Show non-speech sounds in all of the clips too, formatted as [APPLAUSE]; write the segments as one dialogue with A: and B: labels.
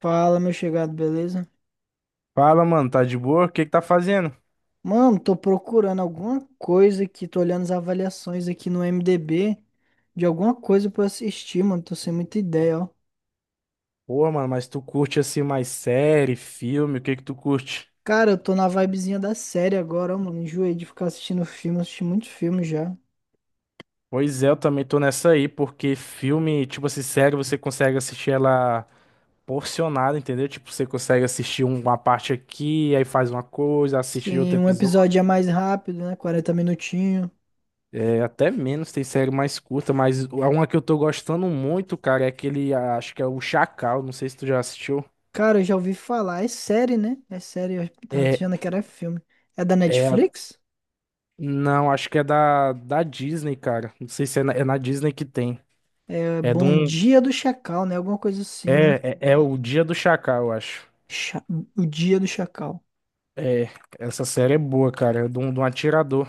A: Fala, meu chegado, beleza?
B: Fala, mano, tá de boa? O que que tá fazendo?
A: Mano, tô procurando alguma coisa aqui, tô olhando as avaliações aqui no IMDb de alguma coisa pra eu assistir, mano, tô sem muita ideia, ó.
B: Pô, mano, mas tu curte assim mais série, filme, o que que tu curte?
A: Cara, eu tô na vibezinha da série agora, ó, mano, enjoei de ficar assistindo filme, assisti muito filme já.
B: Pois é, eu também tô nessa aí, porque filme, tipo assim, série você consegue assistir ela porcionada, entendeu? Tipo, você consegue assistir uma parte aqui, aí faz uma coisa, assiste outro
A: Sim, um
B: episódio.
A: episódio é mais rápido, né, 40 minutinhos.
B: É, até menos, tem série mais curta, mas a uma que eu tô gostando muito, cara, é aquele, acho que é o Chacal, não sei se tu já assistiu.
A: Cara, eu já ouvi falar, é série, né? É série, eu tava
B: É,
A: achando que era filme. É da
B: é,
A: Netflix?
B: não, acho que é da Disney, cara. Não sei se é na Disney que tem.
A: É
B: É de
A: Bom
B: um.
A: Dia do Chacal, né? Alguma coisa assim, né?
B: É o Dia do Chacal, eu acho.
A: Cha- O Dia do Chacal.
B: É, essa série é boa, cara. É de um atirador.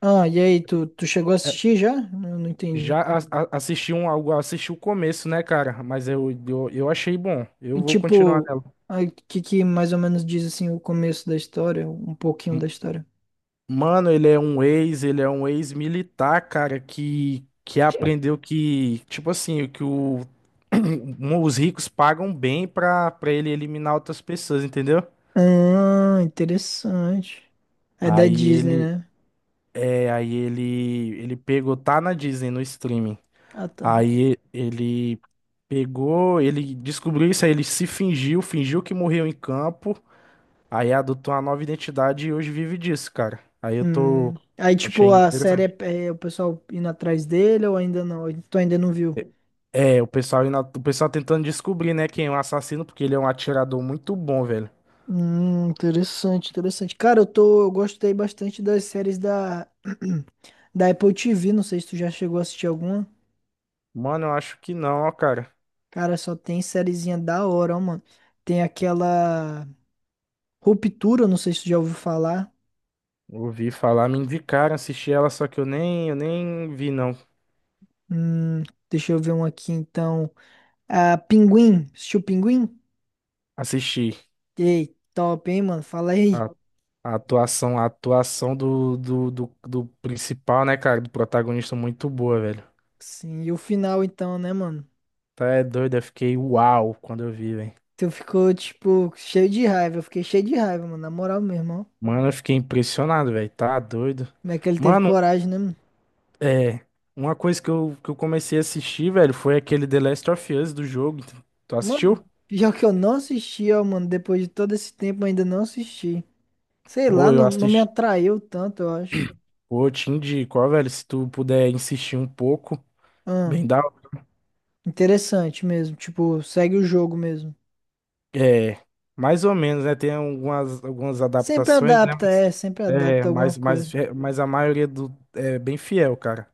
A: Ah, e aí, tu chegou a
B: É,
A: assistir já? Eu não entendi.
B: já assisti o começo, né, cara? Mas eu achei bom. Eu
A: E
B: vou continuar
A: tipo,
B: nela.
A: o que que mais ou menos diz assim o começo da história, um pouquinho da
B: M-
A: história?
B: Mano, ele é um ex-militar, cara, que aprendeu que, tipo assim, que o, [CLEARS THROAT] os ricos pagam bem pra ele eliminar outras pessoas, entendeu?
A: Ah, interessante. É da
B: Aí
A: Disney,
B: ele,
A: né?
B: é, aí ele pegou, tá na Disney, no streaming.
A: Ah, tá.
B: Aí ele pegou, ele descobriu isso aí, ele se fingiu que morreu em campo, aí adotou uma nova identidade e hoje vive disso, cara. Aí eu tô.
A: Hum. Aí,
B: Achei
A: tipo, a série
B: interessante.
A: é o pessoal indo atrás dele ou ainda não? Tu ainda não viu?
B: O pessoal tentando descobrir, né, quem é o assassino, porque ele é um atirador muito bom, velho.
A: Interessante, interessante. Cara, eu tô, eu gostei bastante das séries da [CLEARS THROAT] da Apple TV, não sei se tu já chegou a assistir alguma.
B: Mano, eu acho que não, ó, cara.
A: Cara, só tem sériezinha da hora, ó, mano. Tem aquela Ruptura, não sei se tu já ouviu falar.
B: Ouvi falar, me indicaram, assisti ela, só que eu nem vi, não.
A: Hum, deixa eu ver um aqui, então. Ah, Pinguim. Assistiu Pinguim?
B: Assisti.
A: Ei, top, hein, mano? Fala aí.
B: A atuação do principal, né, cara? Do protagonista muito boa, velho.
A: Sim, e o final, então, né, mano?
B: Tá é doido, eu fiquei uau quando eu vi, velho.
A: Tu ficou, tipo, cheio de raiva. Eu fiquei cheio de raiva, mano. Na moral mesmo, ó.
B: Mano, eu fiquei impressionado, velho. Tá doido.
A: Como é que ele teve
B: Mano,
A: coragem, né, mano?
B: é. Uma coisa que eu comecei a assistir, velho, foi aquele The Last of Us do jogo. Tu assistiu?
A: Mano, pior que eu não assisti, ó, mano. Depois de todo esse tempo, eu ainda não assisti. Sei lá,
B: Pô, eu
A: não, não me
B: assisti.
A: atraiu tanto, eu acho.
B: Pô, eu te indico, ó, velho, se tu puder insistir um pouco,
A: Ahn.
B: bem da
A: Interessante mesmo. Tipo, segue o jogo mesmo.
B: É, mais ou menos, né? Tem algumas
A: Sempre
B: adaptações, né?
A: adapta,
B: Mas,
A: é, sempre
B: é,
A: adapta alguma
B: mas,
A: coisa.
B: mas, é, mas a maioria do, é bem fiel, cara.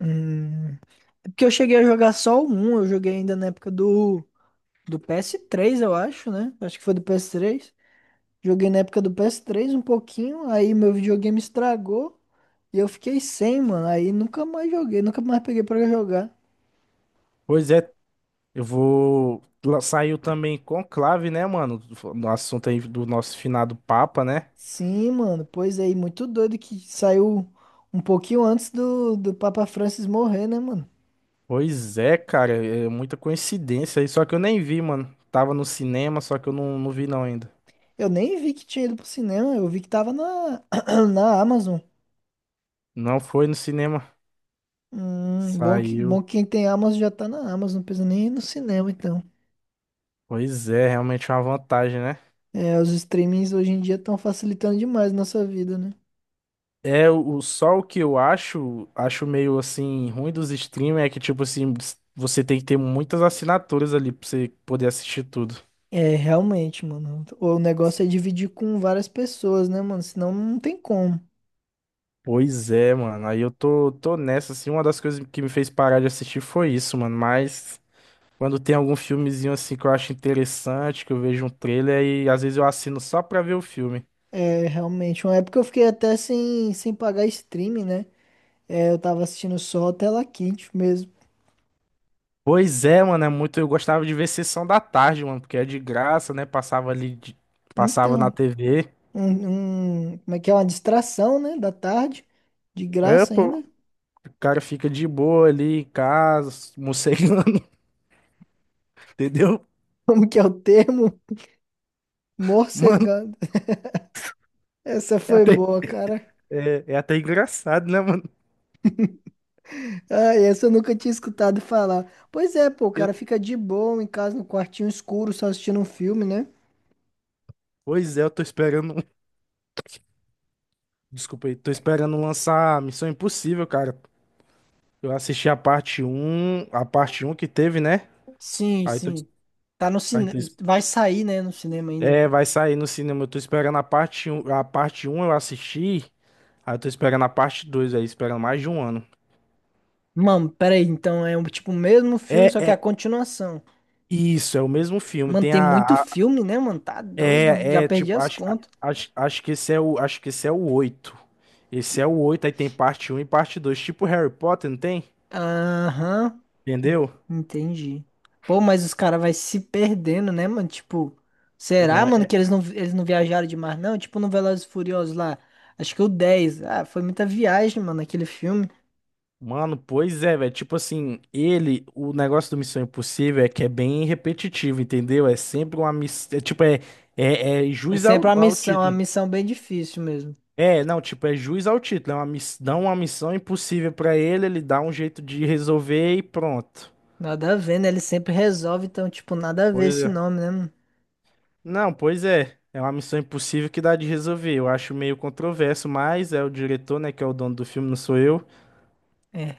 A: Hum. É Porque eu cheguei a jogar só o 1, eu joguei ainda na época do PS3, eu acho, né? Acho que foi do PS3. Joguei na época do PS3 um pouquinho, aí meu videogame estragou e eu fiquei sem, mano. Aí nunca mais joguei, nunca mais peguei pra jogar.
B: Pois é, eu vou. Saiu também Conclave, né, mano? No assunto aí do nosso finado Papa, né?
A: Sim, mano, pois aí, muito doido que saiu um pouquinho antes do Papa Francis morrer, né, mano?
B: Pois é, cara, é muita coincidência aí. Só que eu nem vi, mano. Tava no cinema, só que eu não vi não ainda.
A: Eu nem vi que tinha ido pro cinema, eu vi que tava na, [CLEARS THROAT] na Amazon.
B: Não foi no cinema.
A: Bom
B: Saiu.
A: que quem tem Amazon já tá na Amazon, não precisa nem ir no cinema, então.
B: Pois é, realmente é uma vantagem, né?
A: É, os streamings hoje em dia estão facilitando demais nossa vida, né?
B: É, só o que eu acho meio assim, ruim dos streamers é que, tipo assim, você tem que ter muitas assinaturas ali pra você poder assistir tudo.
A: É, realmente, mano. O negócio é dividir com várias pessoas, né, mano? Senão não tem como.
B: Pois é, mano. Aí eu tô nessa, assim, uma das coisas que me fez parar de assistir foi isso, mano. Mas quando tem algum filmezinho assim que eu acho interessante, que eu vejo um trailer e às vezes eu assino só pra ver o filme.
A: É, realmente. Uma época eu fiquei até sem, sem pagar streaming, né? É, eu tava assistindo só a tela quente mesmo.
B: Pois é, mano, é muito. Eu gostava de ver Sessão da Tarde, mano, porque é de graça, né? Passava ali, passava na
A: Então,
B: TV.
A: como é que é? Uma distração, né? Da tarde. De
B: É,
A: graça
B: pô.
A: ainda.
B: O cara fica de boa ali em casa, morcegando, [LAUGHS] entendeu?
A: Como que é o termo?
B: Mano,
A: Morcegando. Essa
B: é
A: foi
B: até,
A: boa, cara.
B: é até engraçado, né, mano?
A: Ah, essa eu nunca tinha escutado falar. Pois é, pô, o
B: Eu,
A: cara fica de boa em casa, no quartinho escuro, só assistindo um filme, né?
B: pois é, eu tô esperando. Desculpa aí, tô esperando lançar Missão Impossível, cara. Eu assisti a parte um que teve, né?
A: Sim,
B: Aí tô,
A: sim. Tá no
B: aí
A: cinema.
B: tô,
A: Vai sair, né, no cinema ainda.
B: é, vai sair no cinema. Eu tô esperando a parte 1, a parte um eu assisti. Aí eu tô esperando a parte 2 aí, esperando mais de um ano.
A: Mano, peraí, então é um tipo o mesmo
B: É,
A: filme, só que é a
B: é,
A: continuação.
B: isso, é o mesmo filme.
A: Mano, tem muito filme, né, mano? Tá doido. Já perdi
B: Tipo,
A: as
B: acho, a-
A: contas.
B: acho, acho que esse é o oito. Esse é o oito, aí tem parte um e parte dois, tipo Harry Potter, não tem?
A: Aham,
B: Entendeu?
A: entendi. Pô, mas os caras vai se perdendo, né, mano? Tipo, será,
B: Ivan,
A: mano, que eles não viajaram demais, não? Tipo, no Velozes e Furiosos lá, acho que o 10 Ah, foi muita viagem, mano, aquele filme.
B: mano, pois é, velho. Tipo assim, o negócio do Missão Impossível é que é bem repetitivo, entendeu? É sempre uma missão. É, tipo, é
A: É
B: juiz
A: sempre
B: ao, ao
A: uma
B: título.
A: missão bem difícil mesmo.
B: É, não, tipo, é juiz ao título. É uma dá uma missão impossível pra ele, ele dá um jeito de resolver e pronto.
A: Nada a ver, né? Ele sempre resolve, então, tipo, nada a ver
B: Pois
A: esse
B: é.
A: nome, né, mano?
B: Não, pois é. É uma missão impossível que dá de resolver. Eu acho meio controverso, mas é o diretor, né, que é o dono do filme, não sou eu.
A: É,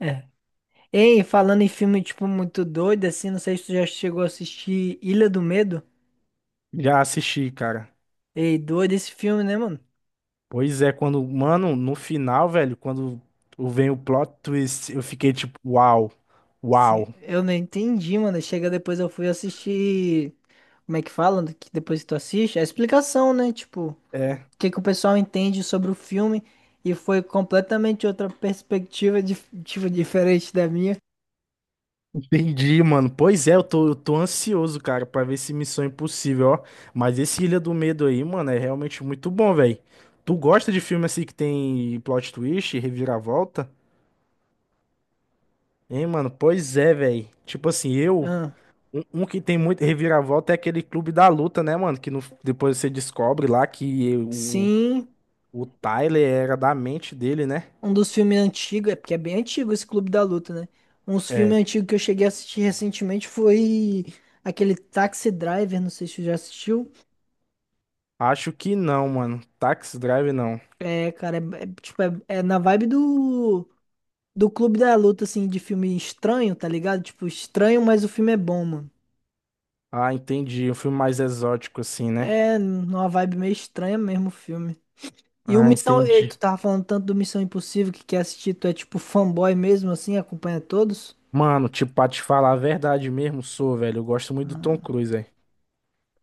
A: é. Ei, falando em filme, tipo, muito doido, assim, não sei se tu já chegou a assistir Ilha do Medo.
B: Já assisti, cara.
A: Ei, doido esse filme, né, mano?
B: Pois é, quando, mano, no final, velho, quando vem o plot twist, eu fiquei tipo, uau,
A: Sim,
B: uau.
A: eu não entendi, mano. Chega depois eu fui assistir. Como é que fala? Que depois que tu assiste? A explicação, né? Tipo, o
B: É,
A: que que o pessoal entende sobre o filme. E foi completamente outra perspectiva, tipo, diferente da minha.
B: entendi, mano. Pois é, eu tô ansioso, cara, pra ver esse Missão Impossível, ó. Mas esse Ilha do Medo aí, mano, é realmente muito bom, velho. Tu gosta de filme assim que tem plot twist, reviravolta? Hein, mano? Pois é, velho. Tipo assim, eu.
A: Ah,
B: Um que tem muito reviravolta é aquele Clube da Luta, né, mano? Que depois você descobre lá que o,
A: sim,
B: o Tyler era da mente dele, né?
A: um dos filmes antigos, é porque é bem antigo esse Clube da Luta, né? Uns filmes
B: É.
A: antigos que eu cheguei a assistir recentemente foi aquele Taxi Driver, não sei se tu já assistiu.
B: Acho que não, mano. Taxi Drive não.
A: É, cara, é, é, tipo, é na vibe do. Do Clube da Luta, assim, de filme estranho, tá ligado? Tipo, estranho, mas o filme é bom, mano.
B: Ah, entendi. Um filme mais exótico, assim, né?
A: É numa vibe meio estranha mesmo o filme. E o
B: Ah,
A: Missão. Ei, tu
B: entendi.
A: tava falando tanto do Missão Impossível que quer assistir, tu é tipo fanboy mesmo, assim, acompanha todos.
B: Mano, tipo, pra te falar a verdade mesmo, sou, velho. Eu gosto muito do Tom Cruise, velho.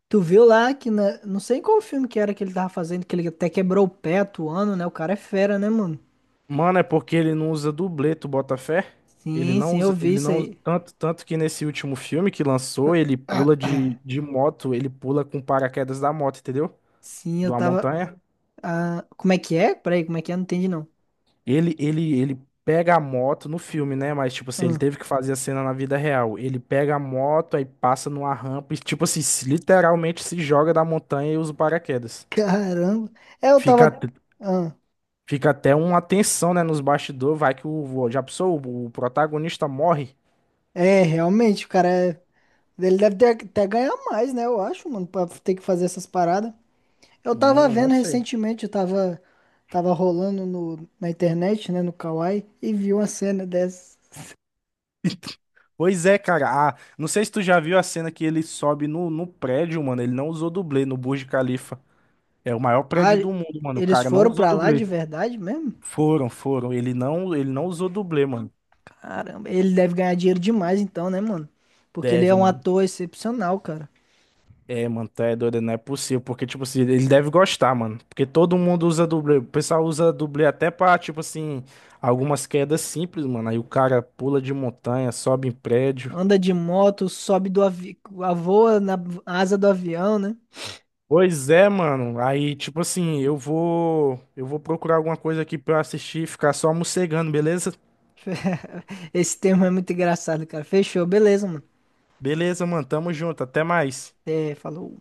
A: Tu viu lá que, não sei em qual filme que era que ele tava fazendo, que ele até quebrou o pé atuando, né? O cara é fera, né, mano?
B: Mano, é porque ele não usa dublê, tu bota fé? Ele
A: Sim,
B: não
A: sim, eu
B: usa,
A: vi
B: ele
A: isso
B: não usa-
A: aí.
B: tanto, tanto que nesse último filme que lançou, ele pula de moto, ele pula com paraquedas da moto, entendeu?
A: Sim, eu
B: De uma
A: tava.
B: montanha.
A: Ah, como é que é? Peraí, como é que é? Não entendi, não.
B: Ele pega a moto no filme, né? Mas, tipo assim, ele
A: Ah,
B: teve que fazer a cena na vida real. Ele pega a moto, aí passa numa rampa e, tipo assim, literalmente se joga da montanha e usa o paraquedas.
A: caramba. É, eu
B: Fica,
A: tava.
B: at- Fica até uma tensão, né, nos bastidores, vai que o, já pensou, o protagonista morre.
A: É, realmente, ele deve ter, até ganhar mais, né? Eu acho, mano, pra ter que fazer essas paradas. Eu tava
B: Mano, não
A: vendo
B: sei.
A: recentemente, eu tava, tava rolando no, na internet, né, no Kawaii, e vi uma cena dessa.
B: Pois é, cara. Ah, não sei se tu já viu a cena que ele sobe no prédio, mano. Ele não usou dublê no Burj Khalifa. É o maior
A: Ah,
B: prédio do mundo, mano. O
A: eles
B: cara não
A: foram
B: usou
A: pra lá de
B: dublê.
A: verdade mesmo?
B: Foram, foram. Ele não usou dublê, mano.
A: Caramba, ele deve ganhar dinheiro demais então, né, mano? Porque ele é
B: Deve,
A: um
B: mano.
A: ator excepcional, cara.
B: É, mano, tá é doido, não é possível. Porque, tipo assim, ele deve gostar, mano. Porque todo mundo usa dublê. O pessoal usa dublê até pra, tipo assim, algumas quedas simples, mano. Aí o cara pula de montanha, sobe em prédio.
A: Anda de moto, sobe do avião, voa na asa do avião, né?
B: Pois é, mano. Aí, tipo assim, eu vou procurar alguma coisa aqui pra eu assistir, e ficar só mocegando, beleza?
A: [LAUGHS] Esse termo é muito engraçado, cara. Fechou, beleza, mano.
B: Beleza, mano. Tamo junto. Até mais.
A: É, falou.